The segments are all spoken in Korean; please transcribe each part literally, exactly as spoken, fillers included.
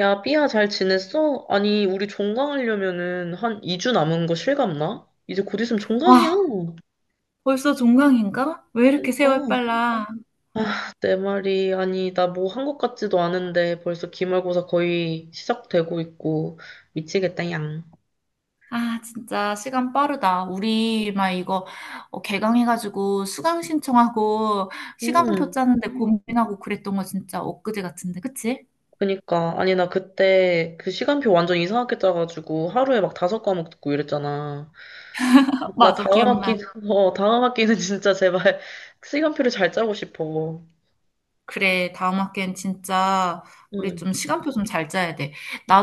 야, 삐야, 잘 지냈어? 아니, 우리 종강하려면은 한 이 주 남은 거 실감나? 이제 곧 있으면 와, 종강이야. 벌써 종강인가? 왜 이렇게 그러니까. 세월 빨라? 아, 내 말이. 아니, 나 뭐 한 것 같지도 않은데 벌써 기말고사 거의 시작되고 있고. 미치겠다, 양. 아, 진짜 시간 빠르다. 우리 막 이거 어, 개강해가지고 수강 신청하고 시간표 음, 짜는데 고민하고 그랬던 거 진짜 엊그제 같은데, 그치? 그니까. 아니, 나 그때 그 시간표 완전 이상하게 짜가지고 하루에 막 다섯 과목 듣고 이랬잖아. 나 맞아, 다음 기억나. 학기, 어, 다음 학기는 진짜 제발 시간표를 잘 짜고 싶어. 그래, 다음 학기엔 진짜 우리 응, 좀 시간표 좀 잘 짜야 돼.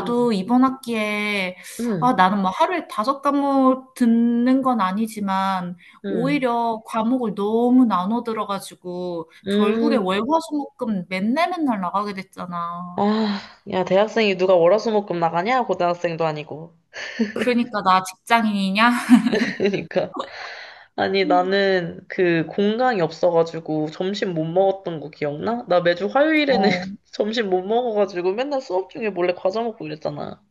응, 이번 학기에, 아, 응, 나는 뭐 하루에 다섯 과목 듣는 건 아니지만, 응. 오히려 과목을 너무 나눠 들어가지고, 결국에 음, 월, 화, 수, 목, 금 맨날 맨날 나가게 됐잖아. 아, 야, 대학생이 누가 월화수목금 나가냐? 고등학생도 아니고. 그러니까 나 직장인이냐? 그러니까. 아니, 나는 그 공강이 없어가지고 점심 못 먹었던 거 기억나? 나 매주 화요일에는 어, 점심 못 먹어가지고 맨날 수업 중에 몰래 과자 먹고 이랬잖아.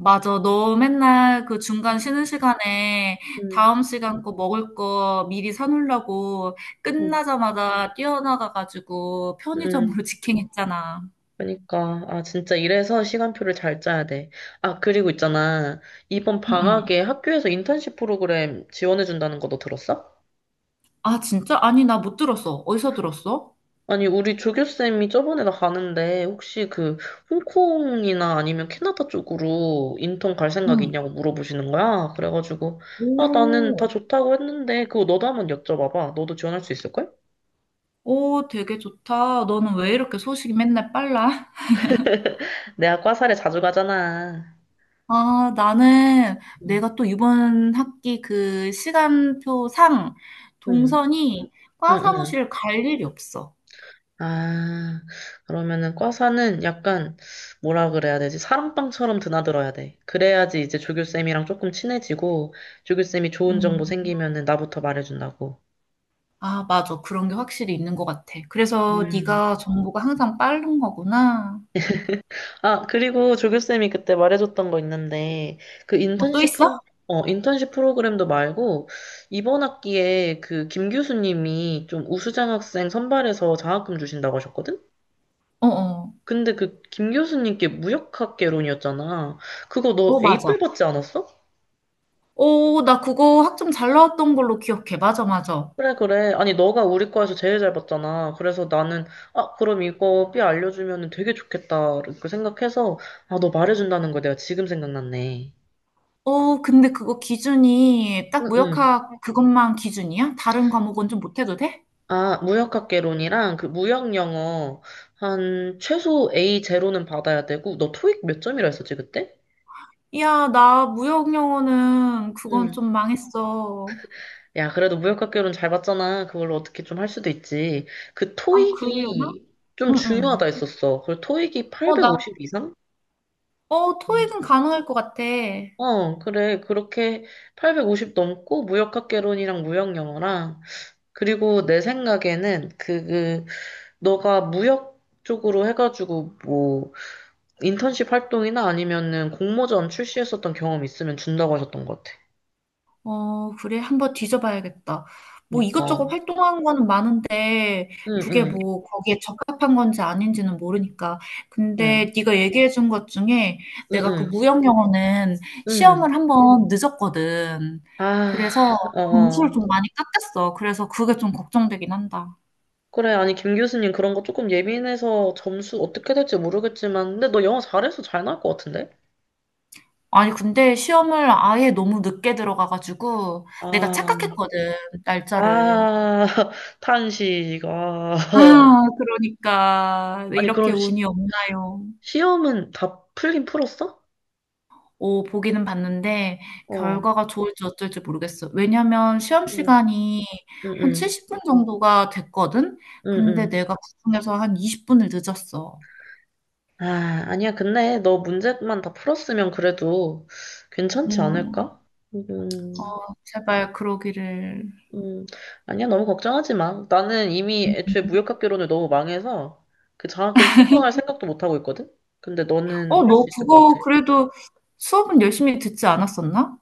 맞아. 너 맨날 그 중간 쉬는 시간에 음, 다음 시간 거 먹을 거 미리 사놓으려고 음, 끝나자마자 뛰어나가가지고 음. 편의점으로 직행했잖아. 그러니까. 아, 진짜 이래서 시간표를 잘 짜야 돼. 아, 그리고 있잖아. 이번 응응. 방학에 학교에서 인턴십 프로그램 지원해준다는 거 너 들었어? 아, 진짜? 아니, 나 못 들었어. 어디서 들었어? 아니, 우리 조교쌤이 저번에 나 가는데, 혹시 그, 홍콩이나 아니면 캐나다 쪽으로 인턴 갈 생각 응. 있냐고 물어보시는 거야? 그래가지고, 아, 나는 다 오. 좋다고 했는데, 그거 너도 한번 여쭤봐봐. 너도 지원할 수 있을걸? 오, 되게 좋다. 너는 왜 이렇게 소식이 맨날 빨라? 내가 과사를 자주 가잖아. 아, 나는 응, 내가 또 이번 학기 그 시간표상 응, 동선이 응, 과 응. 사무실 갈 일이 없어. 아, 그러면은 과사는 약간, 뭐라 그래야 되지? 사랑방처럼 드나들어야 돼. 그래야지 이제 조교쌤이랑 조금 친해지고, 조교쌤이 좋은 정보 생기면은 나부터 말해준다고. 아, 맞아. 그런 게 확실히 있는 것 같아. 그래서 음, 네가 정보가 항상 빠른 거구나. 아, 그리고 조교쌤이 그때 말해줬던 거 있는데, 그 어, 또 인턴십 있어? 프로, 어, 인턴십 프로그램도 말고, 이번 학기에 그 김 교수님이 좀 우수장 학생 선발해서 장학금 주신다고 하셨거든? 어, 어. 근데 그 김 교수님께 무역학개론이었잖아. 그거 너 어, 맞아. 에이 포 받지 않았어? 어, 나 그거 학점 잘 나왔던 걸로 기억해. 맞아, 맞아. 그래, 그래. 아니, 너가 우리 과에서 제일 잘 봤잖아. 그래서 나는, 아, 그럼 이거 B 알려주면 되게 좋겠다. 이렇게 생각해서, 아, 너 말해준다는 거 내가 지금 생각났네. 어, 근데 그거 기준이 딱 응응. 무역학 그것만 기준이야? 다른 과목은 좀 못해도 돼? 아, 무역학개론이랑 그 무역영어 한 최소 에이 제로는 받아야 되고 너 토익 몇 점이라 했었지 그때? 야, 나 무역 영어는 그건 응. 좀 망했어. 야, 그래도 무역학개론 잘 봤잖아. 그걸로 어떻게 좀 할 수도 있지. 그 아, 그러려나? 토익이 좀 응, 응. 중요하다 했었어. 그 토익이 어, 나, 팔백오십 이상? 어, 응. 토익은 가능할 것 같아. 어, 그래. 그렇게 팔백오십 넘고 무역학개론이랑 무역영어랑 그리고 내 생각에는 그, 그 너가 무역 쪽으로 해가지고 뭐 인턴십 활동이나 아니면은 공모전 출시했었던 경험 있으면 준다고 하셨던 것 같아. 어, 그래. 한번 뒤져봐야겠다. 뭐 그러니까, 이것저것 응, 활동한 거는 많은데 그게 응, 뭐 거기에 적합한 건지 아닌지는 모르니까. 응, 근데 네가 얘기해 준 것 중에 응, 내가 그 응, 무역 영어는 응. 시험을 한번 늦었거든. 아, 그래서 어, 점수를 어. 좀 많이 깎였어. 그래서 그게 좀 걱정되긴 한다. 그래, 아니, 김 교수님 그런 거 조금 예민해서 점수 어떻게 될지 모르겠지만, 근데 너 영어 잘해서 잘 나올 것 같은데? 아니, 근데 시험을 아예 너무 늦게 들어가가지고 내가 아, 착각했거든, 날짜를. 아, 탄식, 아. 아, 그러니까 아니, 이렇게 그럼 운이 시, 없나요? 시험은 다 풀긴 풀었어? 오, 보기는 봤는데 어, 어. 결과가 좋을지 어쩔지 모르겠어. 왜냐면 시험 시간이 응, 한 응, 칠십 분 정도가 됐거든? 응, 근데 응. 내가 그중에서 한 이십 분을 늦었어. 아, 아니야. 근데 너 문제만 다 풀었으면 그래도 괜찮지 음. 않을까? 음, 어, 제발 그러기를. 음, 아니야. 너무 걱정하지 마. 나는 이미 애초에 무역학개론을 너무 망해서 그 장학금 신청할 생각도 못 하고 있거든? 근데 어, 너는 할 너 수 있을 것 그거 같아. 그래도 수업은 열심히 듣지 않았었나?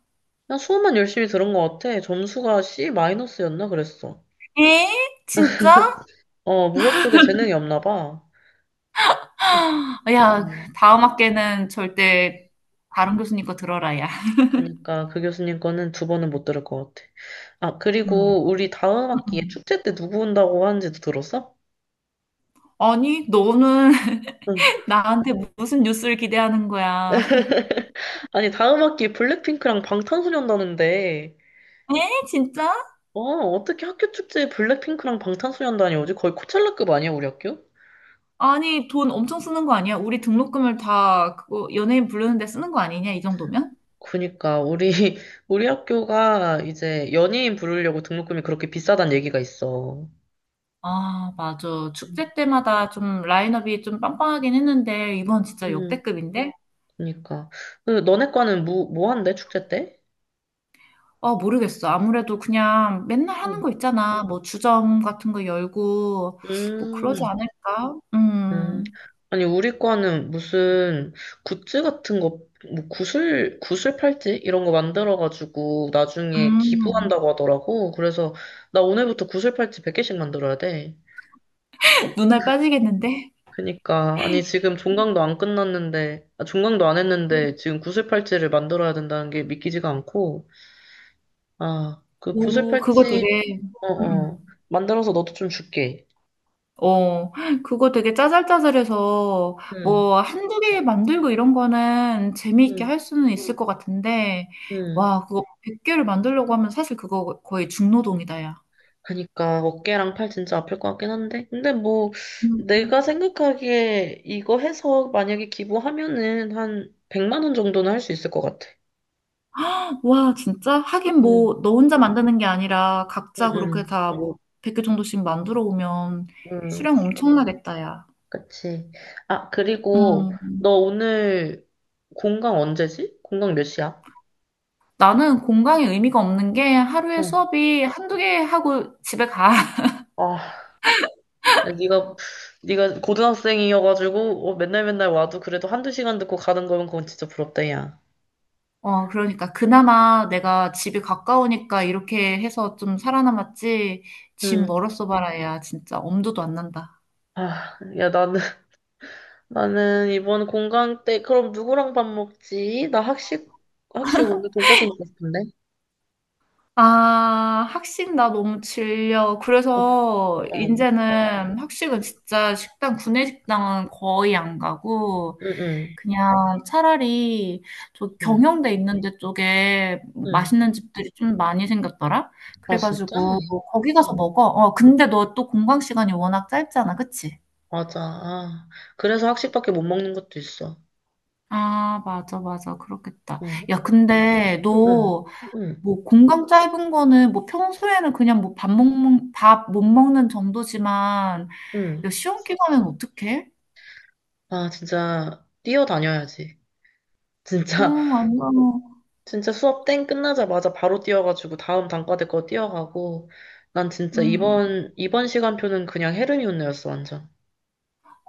난 수업만 열심히 들은 것 같아. 점수가 C 마이너스였나 그랬어. 에? 진짜? 어, 무역 쪽에 재능이 없나 봐. 어, 야, 어. 다음 학기에는 어. 절대 다른 교수님 거 들어라, 야. 그러니까 그 교수님 거는 두 번은 못 들을 것 같아. 아, 음. 그리고 우리 다음 학기에 음. 축제 때 누구 온다고 하는지도 들었어? 아니, 너는 응. 나한테 무슨 뉴스를 기대하는 거야? 아니, 다음 학기에 블랙핑크랑 방탄소년단인데, 에? 진짜? 어, 어떻게 학교 축제에 블랙핑크랑 방탄소년단이 오지? 거의 코첼라급 아니야, 우리 학교? 아니, 돈 엄청 쓰는 거 아니야? 우리 등록금을 다 그거 연예인 부르는데 쓰는 거 아니냐? 이 정도면? 그니까, 우리, 우리 학교가 이제 연예인 부르려고 등록금이 그렇게 비싸단 얘기가 있어. 아, 맞아. 축제 때마다 좀 라인업이 좀 빵빵하긴 했는데, 이번 진짜 음, 역대급인데? 그니까. 그, 너네 과는 뭐, 뭐 한대, 축제 때? 어, 모르겠어. 아무래도 그냥 맨날 하는 응. 거 있잖아. 뭐 주점 같은 거 열고, 뭐 그러지 음. 않을까? 음, 음, 아니, 우리 과는 무슨 굿즈 같은 거, 뭐 구슬, 구슬 팔찌? 이런 거 만들어가지고 나중에 음, 기부한다고 하더라고. 그래서 나 오늘부터 구슬 팔찌 백 개씩 만들어야 돼. 눈알 빠지겠는데? 그니까, 아니, 지금 종강도 안 끝났는데, 아, 종강도 안 했는데 지금 구슬 팔찌를 만들어야 된다는 게 믿기지가 않고, 아, 그 구슬 오, 그거 되게, 팔찌, 음. 음. 어어, 만들어서 너도 좀 줄게. 어, 그거 되게 짜잘짜잘해서 응, 뭐 한두 개 만들고 이런 거는 재미있게 응, 할 수는 있을 것 같은데, 응. 와, 그거 백 개를 만들려고 하면 사실 그거 거의 중노동이다, 야. 그러니까 어깨랑 팔 진짜 아플 것 같긴 한데 근데 뭐 음. 내가 생각하기에 이거 해서 만약에 기부하면은 한 백만 원 정도는 할 수 있을 것 같아. 와, 진짜? 하긴 응, 뭐, 너 혼자 만드는 게 아니라 응, 각자 그렇게 응, 다 뭐, 백 개 정도씩 만들어 오면 응, 수량 엄청나겠다, 야. 그치. 아, 그리고 음. 너 오늘 공강 언제지? 공강 몇 시야? 나는 공강의 의미가 없는 게 하루에 응. 수업이 한두 개 하고 집에 가. 아, 야, 네가 네가 고등학생이어가지고 어, 맨날 맨날 와도 그래도 한두 시간 듣고 가는 거면 그건 진짜 부럽다, 야. 어, 그러니까 그나마 내가 집이 가까우니까 이렇게 해서 좀 살아남았지. 집 응. 멀었어 봐라야 진짜 엄두도 안 난다. 아, 야, 나는 나는 이번 공강 때, 그럼 누구랑 밥 먹지? 나 학식, 학식 오늘 돈까스 먹고 싶은데? 아, 학식 나 너무 질려. 어, 어, 그래서 어. 이제는 학식은 응, 진짜 식당 구내식당은 거의 안 가고 응, 그냥 차라리 저 응, 경영대 있는 데 쪽에 응. 맛있는 집들이 좀 많이 생겼더라. 아, 진짜? 그래가지고 거기 가서 응, 먹어. 어, 근데 너 또 공강 시간이 워낙 짧잖아. 그치? 맞아. 아, 그래서 학식밖에 못 먹는 것도 있어. 아, 맞아, 맞아. 그렇겠다. 어, 야, 근데 응, 응, 너 응, 뭐 공강 짧은 거는 뭐 평소에는 그냥 뭐 밥 먹는, 밥 못 먹는 정도지만 야, 응. 시험 기간엔 어떡해? 아, 진짜, 뛰어다녀야지. 어, 진짜, 완전, 진짜 수업 땡 끝나자마자 바로 뛰어가지고 다음 단과대 거 뛰어가고, 난 진짜 응. 이번, 이번 시간표는 그냥 헤르미온느였어, 완전.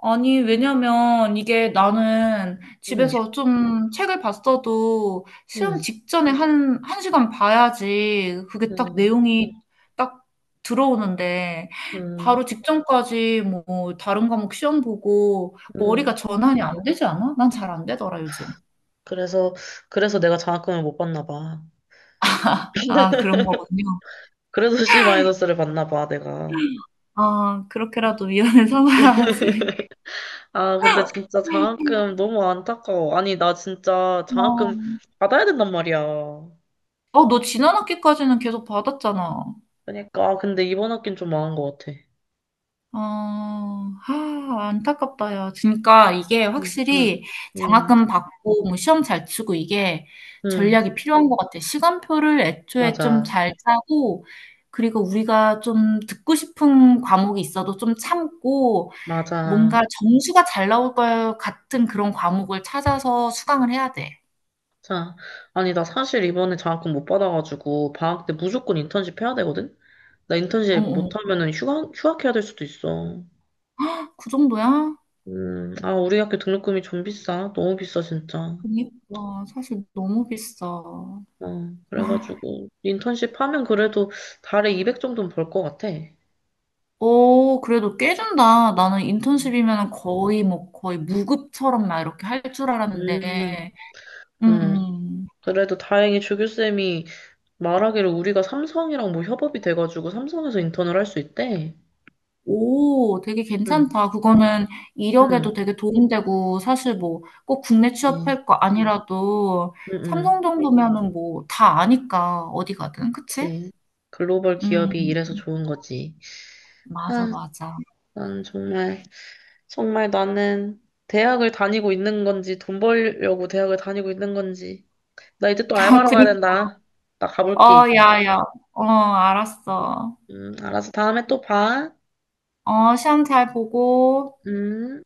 아니, 왜냐면 이게 나는 응. 집에서 좀 책을 봤어도 시험 음, 직전에 한, 한 시간 봐야지 그게 딱 음, 내용이 딱 들어오는데 음, 바로 직전까지 뭐 다른 과목 시험 보고 음. 머리가 전환이 안 되지 않아? 난 잘 안 되더라, 요즘. 그래서, 그래서 내가 장학금을 못 받나 봐. 아, 그런 거군요. 그래서 C-를 마이너스 받나 봐, 내가. 아, 그렇게라도 위안을 삼아야지. 아, 근데 진짜 장학금 너무 안타까워. 아니, 나 진짜 어, 장학금 받아야 된단 말이야. 어, 너 지난 학기까지는 계속 받았잖아. 그러니까, 아, 근데 이번 학기는 좀 망한 것 같아. 어, 하, 안타깝다, 야. 그러니까 이게 응, 응, 확실히 응, 장학금 받고 뭐 시험 잘 치고 이게 응, 전략이 필요한 것 같아. 시간표를 애초에 좀 맞아, 잘 짜고, 그리고 우리가 좀 듣고 싶은 과목이 있어도 좀 참고, 맞아. 뭔가 점수가 잘 나올 것 같은 그런 과목을 찾아서 수강을 해야 돼. 자, 아니, 나 사실 이번에 장학금 못 받아가지고, 방학 때 무조건 인턴십 해야 되거든? 나 어, 인턴십 어. 못하면은 휴학, 휴학해야 될 수도 있어. 그 정도야? 음, 아, 우리 학교 등록금이 좀 비싸. 너무 비싸, 진짜. 그니까, 사실 너무 비싸. 어, 아, 그래가지고, 인턴십 하면 그래도 달에 이백 정도는 벌 것 같아. 오, 그래도 꽤 준다. 나는 인턴십이면 거의 뭐 거의 무급처럼 막 이렇게 할 줄 음, 알았는데. 음, 음. 음. 그래도 다행히 조교쌤이 말하기를 우리가 삼성이랑 뭐 협업이 돼가지고 삼성에서 인턴을 할 수 있대. 오, 되게 응, 괜찮다. 그거는 이력에도 응, 되게 도움되고 사실 뭐 꼭 국내 그치. 취업할 거 아니라도 응, 삼성 응, 정도면은 뭐 다 아니까 어디 가든 그치? 그치. 글로벌 음, 기업이 이래서 좋은 거지. 맞아, 아, 맞아. 난 정말, 정말 나는 대학을 다니고 있는 건지, 돈 벌려고 대학을 다니고 있는 건지, 나 이제 또 아, 알바로 가야 그니, 된다. 나 가볼게, 어, 이제. 야, 야. 어, 알았어. 음, 알았어. 다음에 또 봐. 어, 시험 잘 보고. 음.